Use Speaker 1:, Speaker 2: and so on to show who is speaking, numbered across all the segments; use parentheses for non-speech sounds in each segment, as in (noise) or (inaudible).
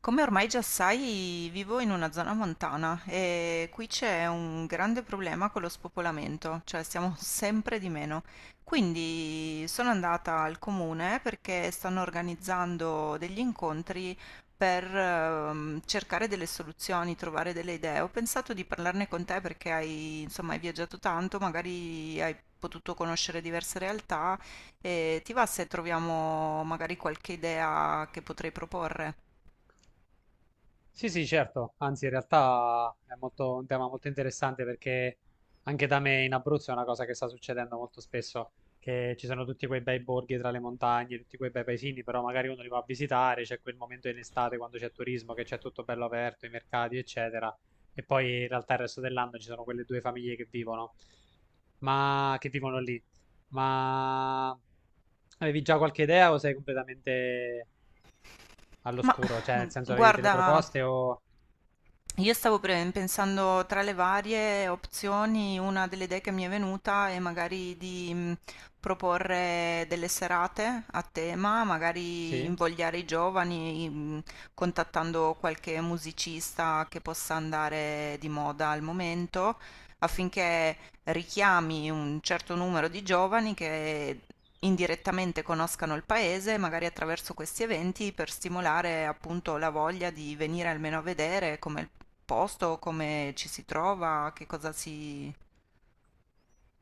Speaker 1: Come ormai già sai, vivo in una zona montana e qui c'è un grande problema con lo spopolamento, cioè siamo (laughs) sempre di meno. Quindi sono andata al comune perché stanno organizzando degli incontri per cercare delle soluzioni, trovare delle idee. Ho pensato di parlarne con te perché hai, insomma, hai viaggiato tanto, magari hai potuto conoscere diverse realtà e ti va se troviamo magari qualche idea che potrei proporre?
Speaker 2: Sì, sì, certo, anzi in realtà è molto, un tema molto interessante perché anche da me in Abruzzo è una cosa che sta succedendo molto spesso, che ci sono tutti quei bei borghi tra le montagne, tutti quei bei paesini, però magari uno li va a visitare, c'è quel momento in estate quando c'è turismo, che c'è tutto bello aperto, i mercati, eccetera, e poi in realtà il resto dell'anno ci sono quelle due famiglie che vivono, ma che vivono lì. Ma avevi già qualche idea o sei completamente
Speaker 1: Ma
Speaker 2: all'oscuro? Cioè, nel senso avevi delle
Speaker 1: guarda,
Speaker 2: proposte o
Speaker 1: io stavo pensando tra le varie opzioni, una delle idee che mi è venuta è magari di proporre delle serate a tema, magari
Speaker 2: Sì,
Speaker 1: invogliare i giovani, contattando qualche musicista che possa andare di moda al momento affinché richiami un certo numero di giovani che indirettamente conoscano il paese, magari attraverso questi eventi, per stimolare appunto la voglia di venire almeno a vedere come il posto, come ci si trova, che cosa si...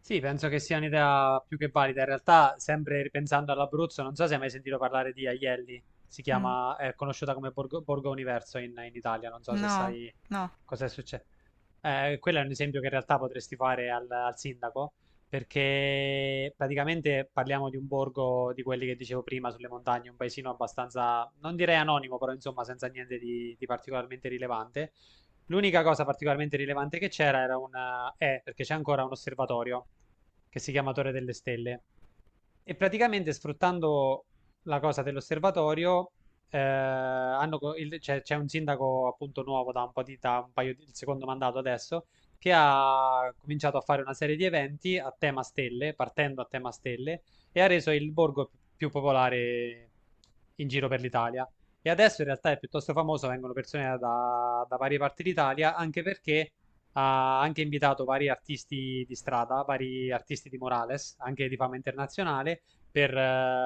Speaker 2: sì, penso che sia un'idea più che valida. In realtà, sempre ripensando all'Abruzzo, non so se hai mai sentito parlare di Aielli, si
Speaker 1: Mm.
Speaker 2: chiama, è conosciuta come Borgo, Borgo Universo in Italia, non so se
Speaker 1: No,
Speaker 2: sai
Speaker 1: no.
Speaker 2: cosa è successo. Quello è un esempio che in realtà potresti fare al sindaco, perché praticamente parliamo di un borgo di quelli che dicevo prima sulle montagne, un paesino abbastanza, non direi anonimo, però insomma senza niente di particolarmente rilevante. L'unica cosa particolarmente rilevante che c'era era è perché c'è ancora un osservatorio che si chiama Torre delle Stelle e praticamente sfruttando la cosa dell'osservatorio, hanno c'è un sindaco appunto nuovo da un po' di, da un paio di, il secondo mandato adesso, che ha cominciato a fare una serie di eventi a tema stelle, partendo a tema stelle, e ha reso il borgo più popolare in giro per l'Italia. E adesso in realtà è piuttosto famoso, vengono persone da, da varie parti d'Italia, anche perché ha anche invitato vari artisti di strada, vari artisti di Morales, anche di fama internazionale, per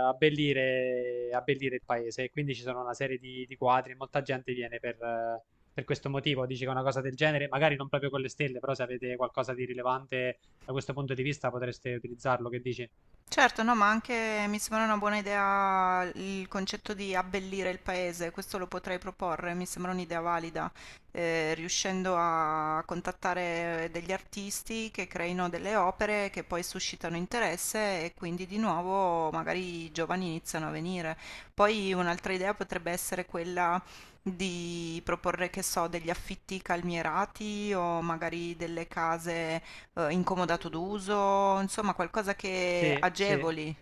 Speaker 2: abbellire, abbellire il paese. E quindi ci sono una serie di quadri e molta gente viene per questo motivo. Dice che una cosa del genere, magari non proprio con le stelle, però se avete qualcosa di rilevante da questo punto di vista potreste utilizzarlo. Che dici?
Speaker 1: Certo, no, ma anche mi sembra una buona idea il concetto di abbellire il paese, questo lo potrei proporre, mi sembra un'idea valida, riuscendo a contattare degli artisti che creino delle opere che poi suscitano interesse e quindi di nuovo magari i giovani iniziano a venire. Poi un'altra idea potrebbe essere quella di proporre, che so, degli affitti calmierati o magari delle case incomodato d'uso, insomma qualcosa che
Speaker 2: Sì, sì.
Speaker 1: agevoli.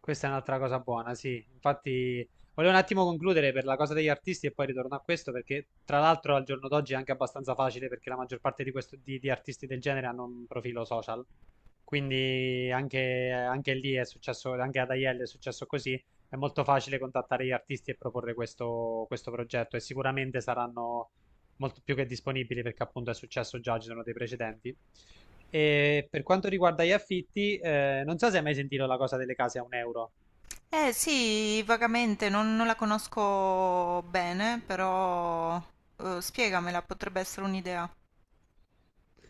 Speaker 2: Questa è un'altra cosa buona, sì. Infatti, volevo un attimo concludere per la cosa degli artisti e poi ritorno a questo, perché tra l'altro al giorno d'oggi è anche abbastanza facile perché la maggior parte di, di artisti del genere hanno un profilo social. Quindi anche, anche lì è successo, anche ad Aiello è successo così. È molto facile contattare gli artisti e proporre questo, questo progetto e sicuramente saranno molto più che disponibili perché appunto è successo già, ci sono dei precedenti. E per quanto riguarda gli affitti, non so se hai mai sentito la cosa delle case a un euro.
Speaker 1: Eh sì, vagamente, non la conosco bene, però spiegamela, potrebbe essere un'idea.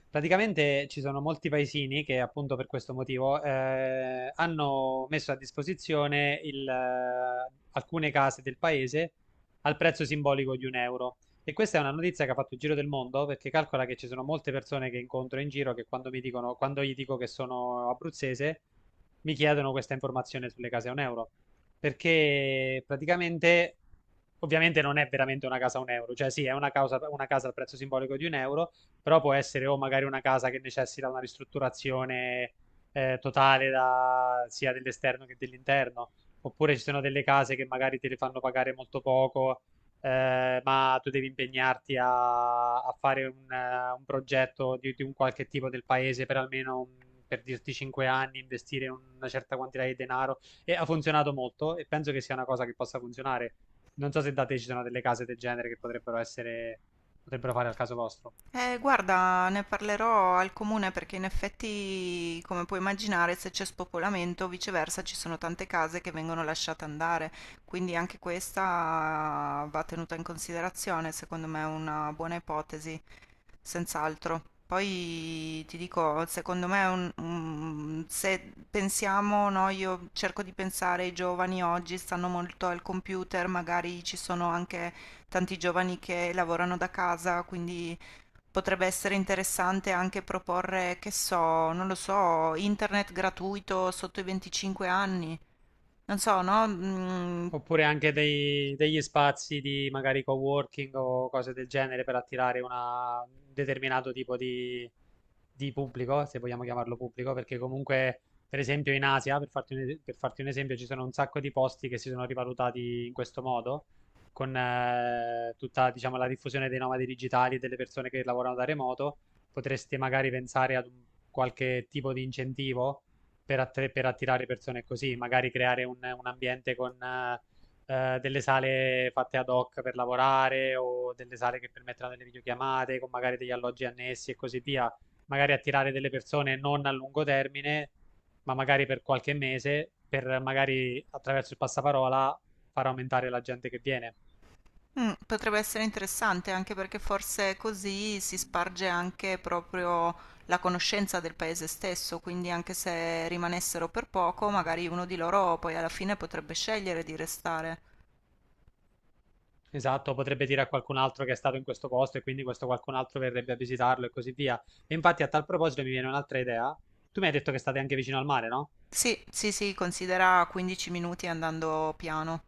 Speaker 2: Praticamente ci sono molti paesini che appunto per questo motivo hanno messo a disposizione il, alcune case del paese al prezzo simbolico di un euro. E questa è una notizia che ha fatto il giro del mondo perché calcola che ci sono molte persone che incontro in giro che quando mi dicono, quando gli dico che sono abruzzese, mi chiedono questa informazione sulle case a un euro. Perché praticamente, ovviamente non è veramente una casa a un euro, cioè sì, è una casa al prezzo simbolico di un euro però può essere o magari una casa che necessita una ristrutturazione totale sia dell'esterno che dell'interno, oppure ci sono delle case che magari te le fanno pagare molto poco, ma tu devi impegnarti a, a fare un progetto di un qualche tipo del paese per almeno per dirti 5 anni, investire una certa quantità di denaro e ha funzionato molto e penso che sia una cosa che possa funzionare. Non so se da te ci sono delle case del genere che potrebbero essere, potrebbero fare al caso vostro.
Speaker 1: Guarda, ne parlerò al comune perché in effetti, come puoi immaginare, se c'è spopolamento, viceversa, ci sono tante case che vengono lasciate andare, quindi anche questa va tenuta in considerazione, secondo me è una buona ipotesi, senz'altro. Poi ti dico, secondo me, è se pensiamo, no, io cerco di pensare, i giovani oggi stanno molto al computer, magari ci sono anche tanti giovani che lavorano da casa, quindi potrebbe essere interessante anche proporre, che so, non lo so, internet gratuito sotto i 25 anni. Non so, no?
Speaker 2: Oppure anche degli spazi di magari coworking o cose del genere per attirare un determinato tipo di pubblico, se vogliamo chiamarlo pubblico, perché comunque, per esempio, in Asia, per farti un esempio, ci sono un sacco di posti che si sono rivalutati in questo modo, con tutta, diciamo, la diffusione dei nomadi digitali, delle persone che lavorano da remoto, potreste magari pensare ad un qualche tipo di incentivo per, per attirare persone così, magari creare un ambiente con delle sale fatte ad hoc per lavorare o delle sale che permetteranno delle videochiamate con magari degli alloggi annessi e così via, magari attirare delle persone non a lungo termine, ma magari per qualche mese, per magari attraverso il passaparola far aumentare la gente che viene.
Speaker 1: Potrebbe essere interessante anche perché forse così si sparge anche proprio la conoscenza del paese stesso, quindi anche se rimanessero per poco, magari uno di loro poi alla fine potrebbe scegliere di restare.
Speaker 2: Esatto, potrebbe dire a qualcun altro che è stato in questo posto e quindi questo qualcun altro verrebbe a visitarlo e così via. E infatti a tal proposito mi viene un'altra idea. Tu mi hai detto che state anche vicino al mare, no?
Speaker 1: Sì, sì, sì, considera 15 minuti andando piano.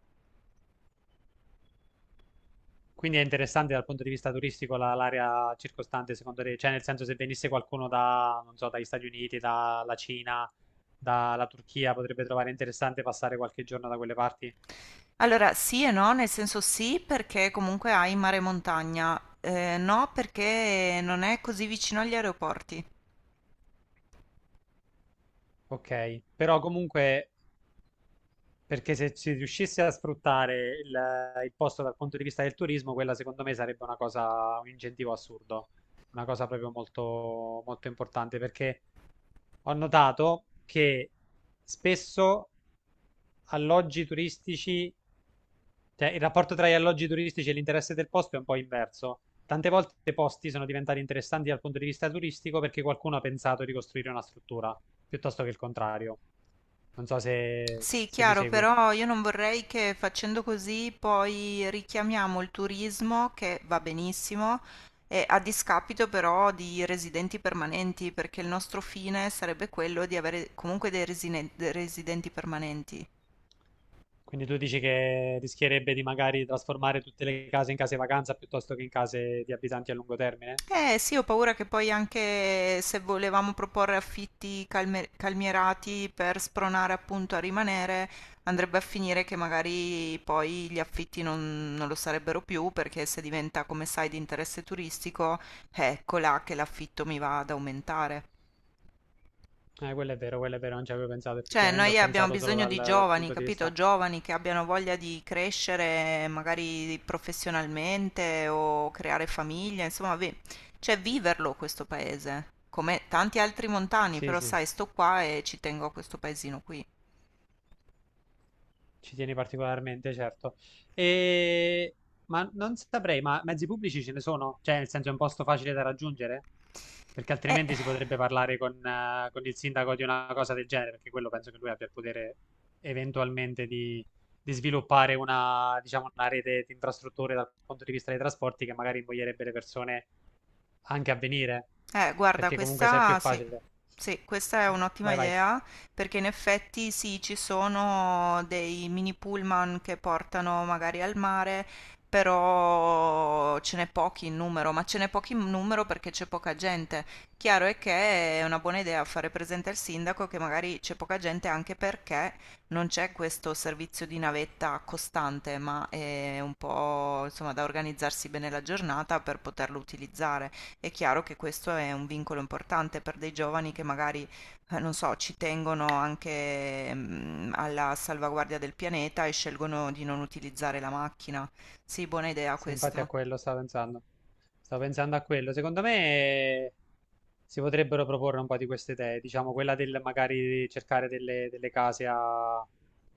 Speaker 2: Quindi è interessante dal punto di vista turistico l'area circostante, secondo te? Cioè, nel senso, se venisse qualcuno da, non so, dagli Stati Uniti, dalla Cina, dalla Turchia, potrebbe trovare interessante passare qualche giorno da quelle parti?
Speaker 1: Allora, sì e no, nel senso sì perché comunque hai mare e montagna, no perché non è così vicino agli aeroporti.
Speaker 2: Ok, però comunque, perché se si riuscisse a sfruttare il posto dal punto di vista del turismo, quella secondo me sarebbe una cosa, un incentivo assurdo, una cosa proprio molto, molto importante, perché ho notato che spesso alloggi turistici. Cioè, il rapporto tra gli alloggi turistici e l'interesse del posto è un po' inverso. Tante volte i posti sono diventati interessanti dal punto di vista turistico perché qualcuno ha pensato di costruire una struttura, piuttosto che il contrario. Non so se,
Speaker 1: Sì,
Speaker 2: se mi
Speaker 1: chiaro,
Speaker 2: segui.
Speaker 1: però io non vorrei che facendo così poi richiamiamo il turismo, che va benissimo, a discapito però di residenti permanenti, perché il nostro fine sarebbe quello di avere comunque dei dei residenti permanenti.
Speaker 2: Quindi tu dici che rischierebbe di magari trasformare tutte le case in case vacanza piuttosto che in case di abitanti a lungo termine?
Speaker 1: Eh sì, ho paura che poi anche se volevamo proporre affitti calmierati per spronare appunto a rimanere, andrebbe a finire che magari poi gli affitti non lo sarebbero più perché se diventa, come sai, di interesse turistico, ecco là che l'affitto mi va ad aumentare.
Speaker 2: Quello è vero, non ci avevo pensato
Speaker 1: Cioè,
Speaker 2: effettivamente, ho
Speaker 1: noi abbiamo
Speaker 2: pensato solo
Speaker 1: bisogno
Speaker 2: dal,
Speaker 1: di
Speaker 2: dal
Speaker 1: giovani,
Speaker 2: punto di
Speaker 1: capito?
Speaker 2: vista.
Speaker 1: Giovani che abbiano voglia di crescere magari professionalmente o creare famiglia, insomma, cioè viverlo questo paese, come tanti altri montani,
Speaker 2: Sì,
Speaker 1: però
Speaker 2: sì.
Speaker 1: sai, sto qua e ci tengo a questo paesino qui.
Speaker 2: Ci tieni particolarmente, certo. E... Ma non saprei, ma mezzi pubblici ce ne sono? Cioè, nel senso è un posto facile da raggiungere? Perché
Speaker 1: Eh,
Speaker 2: altrimenti si potrebbe parlare con il sindaco di una cosa del genere, perché quello penso che lui abbia il potere eventualmente di sviluppare una, diciamo, una rete di infrastrutture dal punto di vista dei trasporti che magari invoglierebbe le persone anche a venire,
Speaker 1: Eh, guarda,
Speaker 2: perché comunque se è più
Speaker 1: questa sì,
Speaker 2: facile.
Speaker 1: sì, questa è un'ottima
Speaker 2: Vai, vai.
Speaker 1: idea perché in effetti sì, ci sono dei mini pullman che portano magari al mare, però ce n'è pochi in numero, ma ce n'è pochi in numero perché c'è poca gente. Chiaro è che è una buona idea fare presente al sindaco che magari c'è poca gente anche perché non c'è questo servizio di navetta costante, ma è un po', insomma, da organizzarsi bene la giornata per poterlo utilizzare. È chiaro che questo è un vincolo importante per dei giovani che magari, non so, ci tengono anche alla salvaguardia del pianeta e scelgono di non utilizzare la macchina. Sì, buona idea
Speaker 2: Sì, infatti a
Speaker 1: questa.
Speaker 2: quello stavo pensando. Stavo pensando a quello. Secondo me si potrebbero proporre un po' di queste idee, diciamo quella del magari cercare delle, delle case a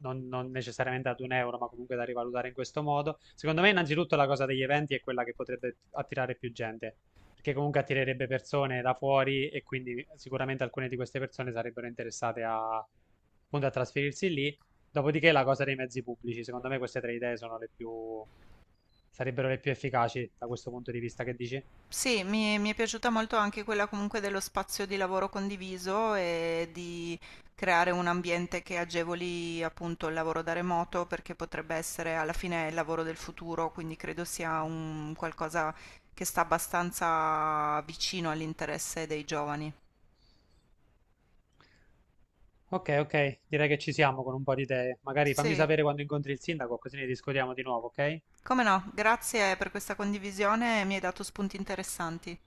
Speaker 2: non, non necessariamente ad un euro, ma comunque da rivalutare in questo modo. Secondo me, innanzitutto, la cosa degli eventi è quella che potrebbe attirare più gente, perché comunque attirerebbe persone da fuori e quindi sicuramente alcune di queste persone sarebbero interessate a, appunto, a trasferirsi lì. Dopodiché la cosa dei mezzi pubblici, secondo me queste tre idee sono le più, sarebbero le più efficaci da questo punto di vista, che dici?
Speaker 1: Sì, mi è piaciuta molto anche quella comunque dello spazio di lavoro condiviso e di creare un ambiente che agevoli appunto il lavoro da remoto perché potrebbe essere alla fine il lavoro del futuro, quindi credo sia un qualcosa che sta abbastanza vicino all'interesse dei giovani.
Speaker 2: Ok, ok, direi che ci siamo con un po' di idee. Magari fammi
Speaker 1: Sì,
Speaker 2: sapere quando incontri il sindaco, così ne discutiamo di nuovo, ok?
Speaker 1: come no, grazie per questa condivisione, mi hai dato spunti interessanti.